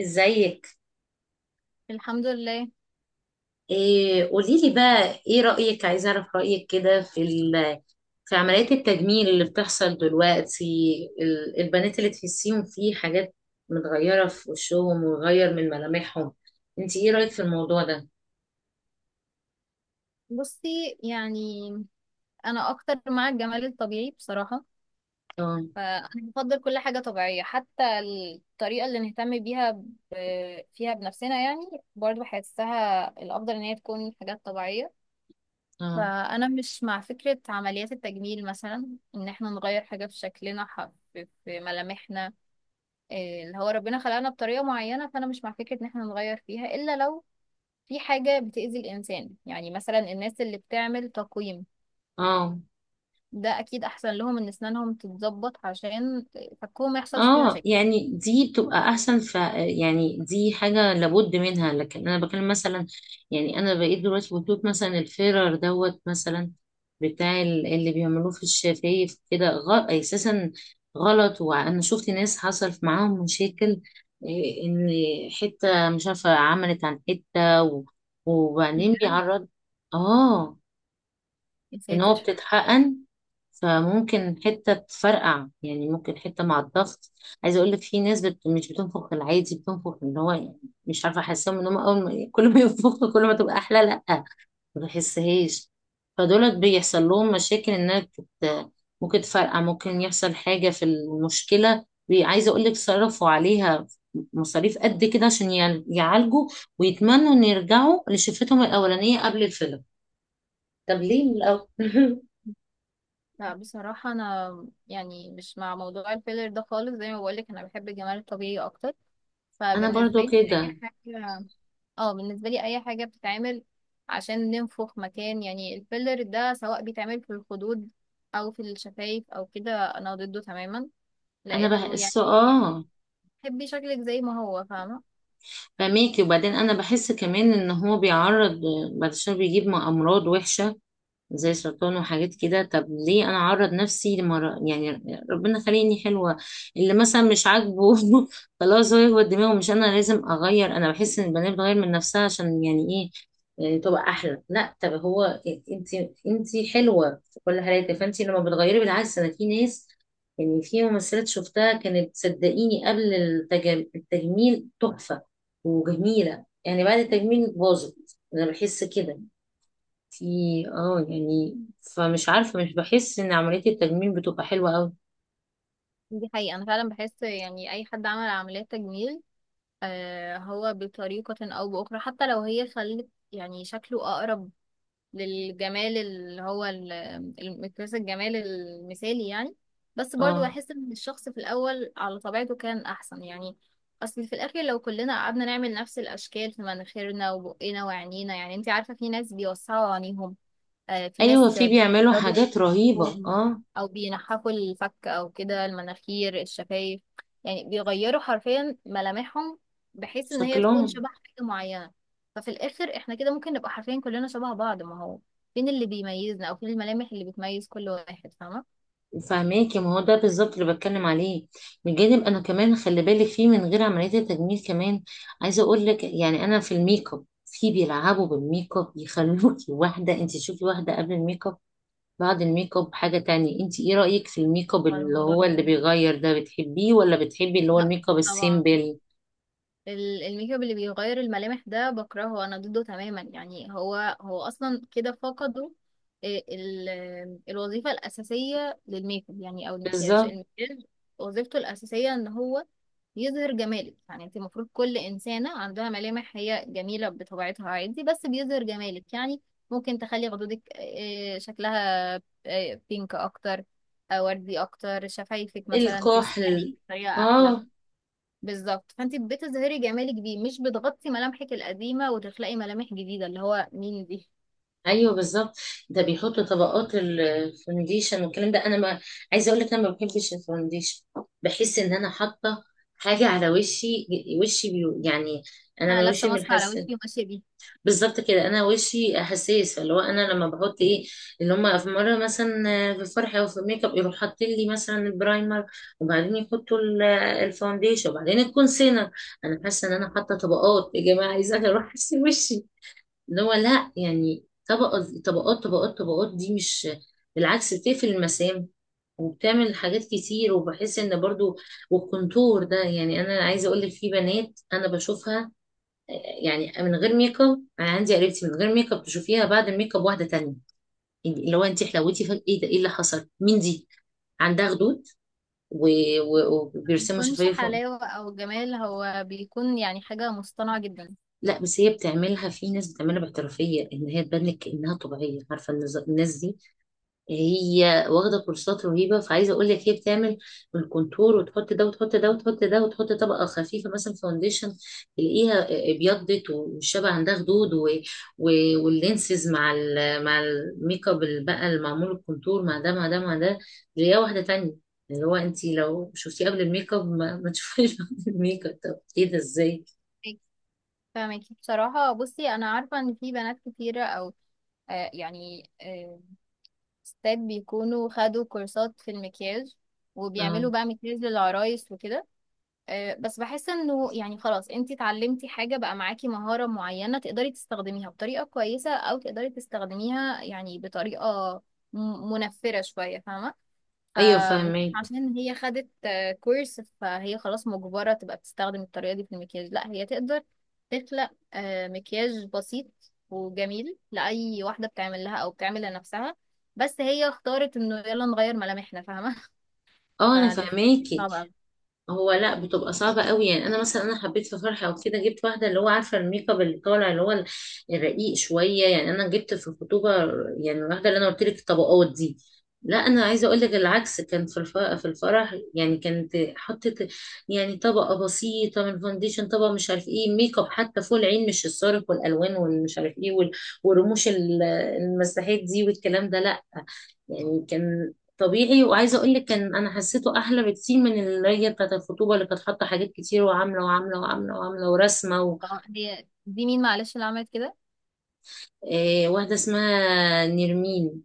ازيك؟ الحمد لله. إيه، قولي لي بقى، ايه رأيك، عايزه اعرف رأيك كده في في عمليات التجميل اللي بتحصل دلوقتي. البنات اللي تحسيهم في حاجات متغيرة في وشهم وغير من ملامحهم. انت ايه رأيك في الموضوع ده؟ بصي، يعني انا اكتر مع الجمال الطبيعي بصراحه. اه. فانا بفضل كل حاجه طبيعيه، حتى الطريقه اللي نهتم بيها فيها بنفسنا، يعني برضو بحسها الافضل ان هي تكون حاجات طبيعيه. اه. فانا مش مع فكره عمليات التجميل، مثلا ان احنا نغير حاجه في شكلنا، في ملامحنا. اللي هو ربنا خلقنا بطريقه معينه، فانا مش مع فكره ان احنا نغير فيها الا لو في حاجة بتأذي الإنسان. يعني مثلا الناس اللي بتعمل تقويم، اه. ده اكيد احسن لهم ان اسنانهم تتظبط عشان فكهم ما يحصلش فيه اه. مشاكل. يعني دي بتبقى احسن، يعني دي حاجه لابد منها، لكن انا بكلم مثلا، يعني انا بقيت دلوقتي بشوف مثلا الفيرر دوت مثلا بتاع اللي بيعملوه في الشفايف كده، اساسا غلط. وانا شفت ناس حصل معاهم مشاكل. إيه، ان حته مش عارفه عملت عن حته وبعدين بجد. بيعرض. اه. يا ان هو ساتر. بتتحقن، فممكن حتة تفرقع، يعني ممكن حتة مع الضغط. عايزة اقول لك في ناس مش بتنفخ العادي، بتنفخ اللي هو يعني مش عارفة، احسهم ان هم اول ما كل ما ينفخوا كل ما تبقى احلى. لا، ما بحسهاش. فدولت بيحصل لهم مشاكل، انها ممكن تفرقع، ممكن يحصل حاجة في المشكلة، عايزة اقول لك صرفوا عليها مصاريف قد كده عشان يعالجوا ويتمنوا ان يرجعوا لشفتهم الاولانية قبل الفيلم. طب ليه من الاول؟ لا، بصراحة أنا يعني مش مع موضوع الفيلر ده خالص، زي ما بقولك أنا بحب الجمال الطبيعي أكتر. انا فبالنسبة برضو لي أي كده. حاجة، اه، بالنسبة لي أي حاجة بتتعمل عشان ننفخ مكان، يعني الفيلر ده سواء بيتعمل في الخدود أو في الشفايف أو كده. أنا ضده تماما، انا لأنه يعني بحس. اه. تحبي شكلك زي ما هو، فاهمة. فميكي، وبعدين انا بحس كمان ان هو بيعرض بعد شويه بيجيب امراض وحشه، زي سرطان وحاجات كده. طب ليه انا اعرض نفسي لمرا يعني؟ ربنا خليني حلوه اللي مثلا مش عاجبه. خلاص، هو هو دماغه، مش انا لازم اغير. انا بحس ان البنات بتغير من نفسها عشان يعني ايه، آه، تبقى احلى؟ لا. طب هو، انت انت حلوه في كل حالاتك، فانت لما بتغيري بالعكس. انا في ناس، يعني في ممثلات شفتها كانت صدقيني قبل التجميل تحفه وجميله، يعني بعد التجميل باظت. انا بحس كده. في اه يعني، فمش عارفة، مش بحس ان عملية التجميل بتبقى حلوة قوي. دي حقيقة. أنا فعلا بحس يعني أي حد عمل عمليات تجميل هو بطريقة أو بأخرى حتى لو هي خلت يعني شكله أقرب للجمال اللي هو المقياس الجمال المثالي، يعني. بس برضو اه. بحس إن الشخص في الأول على طبيعته كان أحسن، يعني. أصل في الآخر لو كلنا قعدنا نعمل نفس الأشكال في مناخيرنا وبقنا وعينينا، يعني أنت عارفة في ناس بيوسعوا عينيهم، في ناس ايوه، في بيعملوا بيبردوا حاجات رهيبة. بجسمهم، اه. او بينحفوا الفك او كده، المناخير، الشفايف، يعني بيغيروا حرفيا ملامحهم، بحيث ان هي تكون شكلهم. شبه حاجة معينة. ففي الاخر احنا كده ممكن نبقى حرفيا كلنا شبه بعض، ما هو فين اللي بيميزنا او فين الملامح اللي بتميز كل واحد، فاهمة؟ فهماكي، ما هو ده بالظبط اللي بتكلم عليه. بجانب انا كمان، خلي بالك في من غير عملية التجميل كمان. عايزة اقول لك يعني انا في الميك اب، في بيلعبوا بالميك اب يخلوكي واحدة، انت تشوفي واحدة قبل الميك اب بعد الميك اب حاجة تانية. انت ايه رأيك في الميك اب هو اللي الموضوع هو اللي ده. بيغير ده، بتحبيه ولا بتحبي اللي هو لا. الميك اب طبعا. السيمبل؟ الميك اب اللي بيغير الملامح ده بكرهه، انا ضده تماما يعني. هو اصلا كده فقدوا ال- الوظيفة الأساسية للميك اب، يعني او المكياج بالظبط، المكياج وظيفته الأساسية ان هو يظهر جمالك. يعني انت المفروض كل إنسانة عندها ملامح هي جميلة بطبيعتها، عادي، بس بيظهر جمالك يعني. ممكن تخلي خدودك شكلها بينك اكتر، وردي اكتر، شفايفك مثلا ترسم عينيك الكحل. بطريقة احلى. اه. بالظبط، فانت بتظهري جمالك بيه، مش بتغطي ملامحك القديمه وتخلقي ملامح جديده اللي هو مين دي. ايوه بالظبط. ده بيحطوا طبقات الفونديشن والكلام ده. انا ما، عايزه اقول لك، انا ما بحبش الفونديشن. بحس ان انا حاطه حاجه على وشي. وشي يعني انا انا من لابسه وشي ماسك على منحسن. وشي وماشيه بيه. بالظبط كده، انا وشي حساس. فاللي هو، انا لما بحط ايه اللي هم في مره مثلا في الفرح او في الميك اب، يروح حاطين لي مثلا البرايمر، وبعدين يحطوا الفونديشن، وبعدين الكونسيلر. انا حاسه ان انا حاطه طبقات، يا جماعه عايزه اروح اغسل وشي. اللي هو لا، يعني طبقة طبقات طبقات طبقات، دي مش بالعكس بتقفل المسام، وبتعمل حاجات كتير، وبحس ان برضو. والكونتور ده يعني، انا عايزه اقول لك في بنات انا بشوفها. آه، يعني من غير ميك اب انا عندي قريبتي، من غير ميك اب تشوفيها بعد الميك اب واحده تانية. يعني اللي هو انت حلوتي فجأة، ايه ده، ايه اللي حصل، مين دي؟ عندها خدود، ما وبيرسموا بيكونش شفايف. حلاوه او جمال، هو بيكون يعني حاجه مصطنعه جدا. لا بس هي بتعملها. في ناس بتعملها باحترافيه ان هي تبان لك انها طبيعيه. عارفه، الناس دي هي واخده كورسات رهيبه. فعايزه اقول لك هي بتعمل الكونتور وتحط ده وتحط ده وتحط ده، وتحط طبقه خفيفه مثلا فاونديشن. تلاقيها ابيضت، والشبع عندها خدود و... واللينسز مع مع الميك اب اللي بقى المعمول، الكونتور مع ده مع ده مع ده، تلاقيها واحده تانية. اللي هو انت لو شفتيه قبل الميك اب ما تشوفيش بعد الميك اب. طب ايه ده، ازاي؟ فاهمك- فاهمكي، بصراحه بصي انا عارفه ان في بنات كتيره او يعني ستات بيكونوا خدوا كورسات في المكياج، اه، وبيعملوا بقى مكياج للعرايس وكده. بس بحس انه يعني خلاص انتي اتعلمتي حاجة بقى، معاكي مهارة معينة تقدري تستخدميها بطريقة كويسة، او تقدري تستخدميها يعني بطريقة منفرة شوية، فاهمة؟ ايوه فاهماكي. فعشان هي خدت كورس، فهي خلاص مجبرة تبقى بتستخدم الطريقة دي في المكياج. لا، هي تقدر تخلق مكياج بسيط وجميل لأي واحدة بتعمل لها او بتعمل لنفسها، بس هي اختارت انه يلا نغير ملامحنا، فاهمة؟ اه، انا فالاختيار فاهماكي. صعب أوي. هو لا بتبقى صعبة قوي. يعني انا مثلا انا حبيت في فرحة وكده جبت واحدة اللي هو عارفة الميك اب اللي طالع اللي هو الرقيق شوية. يعني انا جبت في الخطوبة يعني الواحدة اللي انا قلت لك الطبقات دي. لا انا عايزة اقول لك العكس، كان في في الفرح يعني كانت حطت يعني طبقة بسيطة من فونديشن، طبقة مش عارف ايه، ميك اب حتى فوق العين، مش الصارخ والالوان والمش عارف ايه والرموش المساحات دي والكلام ده. يعني كان طبيعي، وعايزه اقول لك كان، انا حسيته احلى بكتير من اللي بتاعت الخطوبه اللي كانت حاطه حاجات كتير وعامله وعامله وعامله وعامله ورسمه طب هي دي مين معلش اللي عملت كده؟ آه، واحده اسمها نرمين.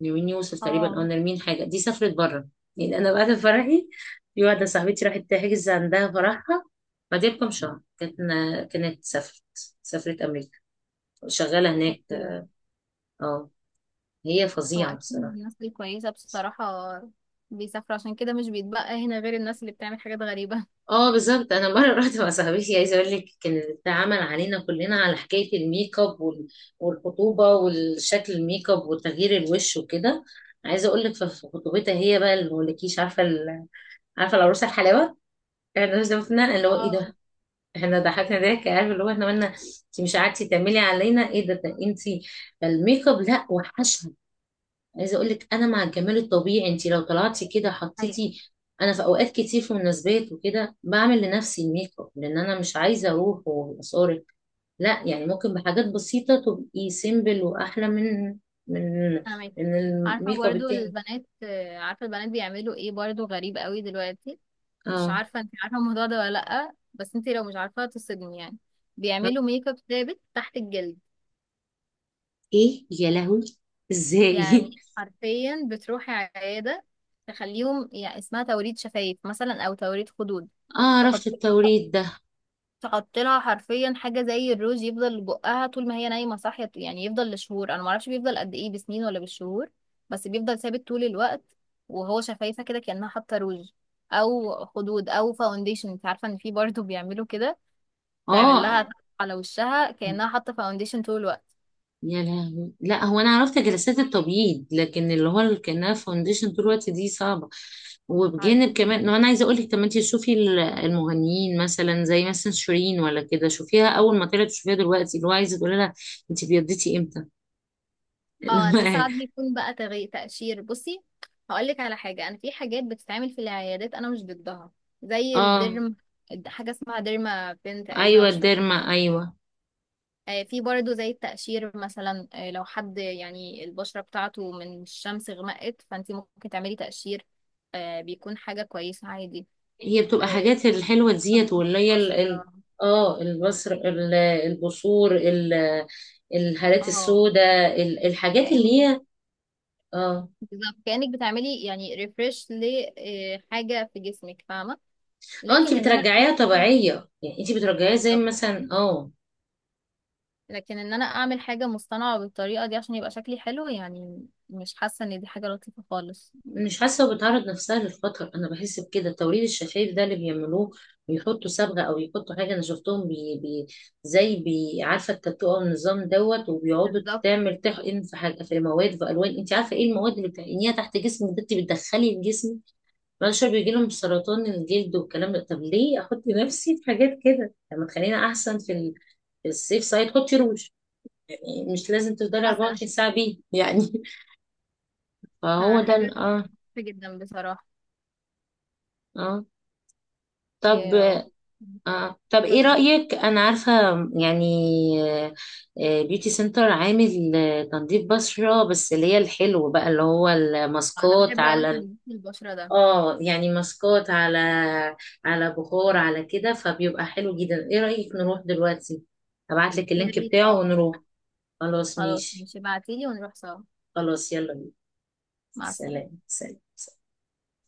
نرمين يوسف تقريبا، او اه. نرمين حاجه. دي سافرت بره. يعني انا بعد فرحي، في واحده صاحبتي راحت تحجز عندها فرحها بعدها بكام شهر. كانت سافرت، سافرت امريكا. شغاله هناك. اوكي. اه. هي هو فظيعه اكيد بصراحه. الناس دي كويسة بصراحة، بيسافروا عشان كده، مش بيتبقى هنا غير الناس اللي بتعمل حاجات غريبة. اه بالظبط. انا مره رحت مع صاحبتي. عايزه اقول لك كان اتعمل علينا كلنا على حكايه الميك اب والخطوبه، والشكل، الميك اب، وتغيير الوش وكده. عايزه اقول لك في خطوبتها هي بقى اللي مولكيش، عارفه عارفه العروسه الحلاوه. احنا شفنا اللي هو ايه اه، ده. احنا ضحكنا ضحك. عارف اللي هو احنا قلنا انت مش قعدتي تعملي علينا؟ ايه ده انت الميك اب لا وحش. عايزه اقول لك انا مع الجمال الطبيعي. انت لو طلعتي كده ايوه، حطيتي. انا في اوقات كتير في مناسبات وكده بعمل لنفسي الميك اب لان انا مش عايزه اروح واصارك. لا يعني، ممكن بحاجات بسيطه تبقي سيمبل واحلى من من فاهمك. من عارفة الميك اب برضو التاني. البنات، عارفة البنات بيعملوا ايه، برضو غريب قوي دلوقتي. مش اه. عارفة، انت عارفة الموضوع ده ولا لأ؟ بس انت لو مش عارفة تصدمي يعني، بيعملوا ميك اب ثابت تحت الجلد. ايه يا لهوي، ازاي؟ يعني حرفيا بتروحي عيادة تخليهم، يعني اسمها توريد شفايف مثلا، او توريد خدود. اه، عرفت التوريد ده. تحط لها حرفيا حاجه زي الروج يفضل بقها طول ما هي نايمه، صاحيه، يعني يفضل لشهور، انا ما اعرفش بيفضل قد ايه بسنين ولا بالشهور، بس بيفضل ثابت طول الوقت. وهو شفايفه كده كانها حاطه روج، او خدود، او فاونديشن. انت عارفه ان في برضه بيعملوا كده، تعمل اه لها على وشها كانها حاطه فاونديشن طول الوقت. يا لهوي. لا هو انا عرفت جلسات التبييض، لكن اللي هو اللي كانها فاونديشن طول الوقت دي صعبه. وبجانب عارفين؟ كمان، انا عايزه اقول لك طب ما انت شوفي المغنيين مثلا زي مثلا شيرين ولا كده، شوفيها اول ما طلعت، شوفيها دلوقتي. اللي هو عايزه تقولي لها انت بيضتي امتى؟ اه، ده لما. ساعات بيكون بقى تقشير. بصي، هقول لك على حاجه. انا في حاجات بتتعمل في العيادات انا مش ضدها، زي اه الديرم، حاجه اسمها ديرما بين تقريبا، ايوه، مش فاكره. الديرما ايوه. في برضه زي التقشير مثلا، لو حد يعني البشرة بتاعته من الشمس غمقت، فانت ممكن تعملي تقشير، بيكون حاجة كويسة عادي. هي بتبقى آه، حاجات الحلوه ديت، واللي هي بشرة، اه البصر البصور الهالات اه، السوداء، الحاجات اللي كأنك هي. اه. بالظبط كأنك بتعملي يعني ريفرش لحاجة في جسمك، فاهمة؟ اه، انت لكن ان انا اعمل بترجعيها طبيعية يعني، انت بترجعيها زي بالظبط، مثلا. اه. لكن ان انا اعمل حاجة مصطنعة بالطريقة دي عشان يبقى شكلي حلو، يعني مش حاسة ان دي حاجة لطيفة خالص. مش حاسة، بتعرض نفسها للخطر. انا بحس بكده. التوريد الشفايف ده اللي بيعملوه، بيحطوا صبغة، او يحطوا حاجة. انا شفتهم بي بي، زي بي عارفة التاتو او النظام دوت. وبيقعدوا بالظبط. تعمل تحقن في حاجة، في مواد، في الوان. انت عارفة ايه المواد اللي بتحقنيها تحت جسمك؟ ده انت بتدخلي الجسم. بعد شوية بيجي لهم سرطان الجلد والكلام ده. طب ليه احط نفسي في حاجات كده؟ طب ما تخلينا احسن في في السيف سايد. حطي روج، يعني مش لازم تفضلي مثلا. 24 ساعة بيه يعني. فهو ده فحاجة اه. لطيفة جدا بصراحة. اه، طب. ايوه. اه طب، ايه تمام. رأيك؟ انا عارفة يعني بيوتي سنتر عامل تنظيف بشرة بس، اللي هي الحلو بقى اللي هو انا الماسكات بحب قوي على تنظيف البشرة ده. اه، يعني ماسكات على بخار على كده. فبيبقى حلو جدا. ايه رأيك نروح دلوقتي؟ ابعت لك يا اللينك ريت. بتاعه اه، ونروح. خلاص خلاص ماشي. ماشي، ابعتيلي ونروح سوا. خلاص يلا بينا. مع السلامة. سلام سلام.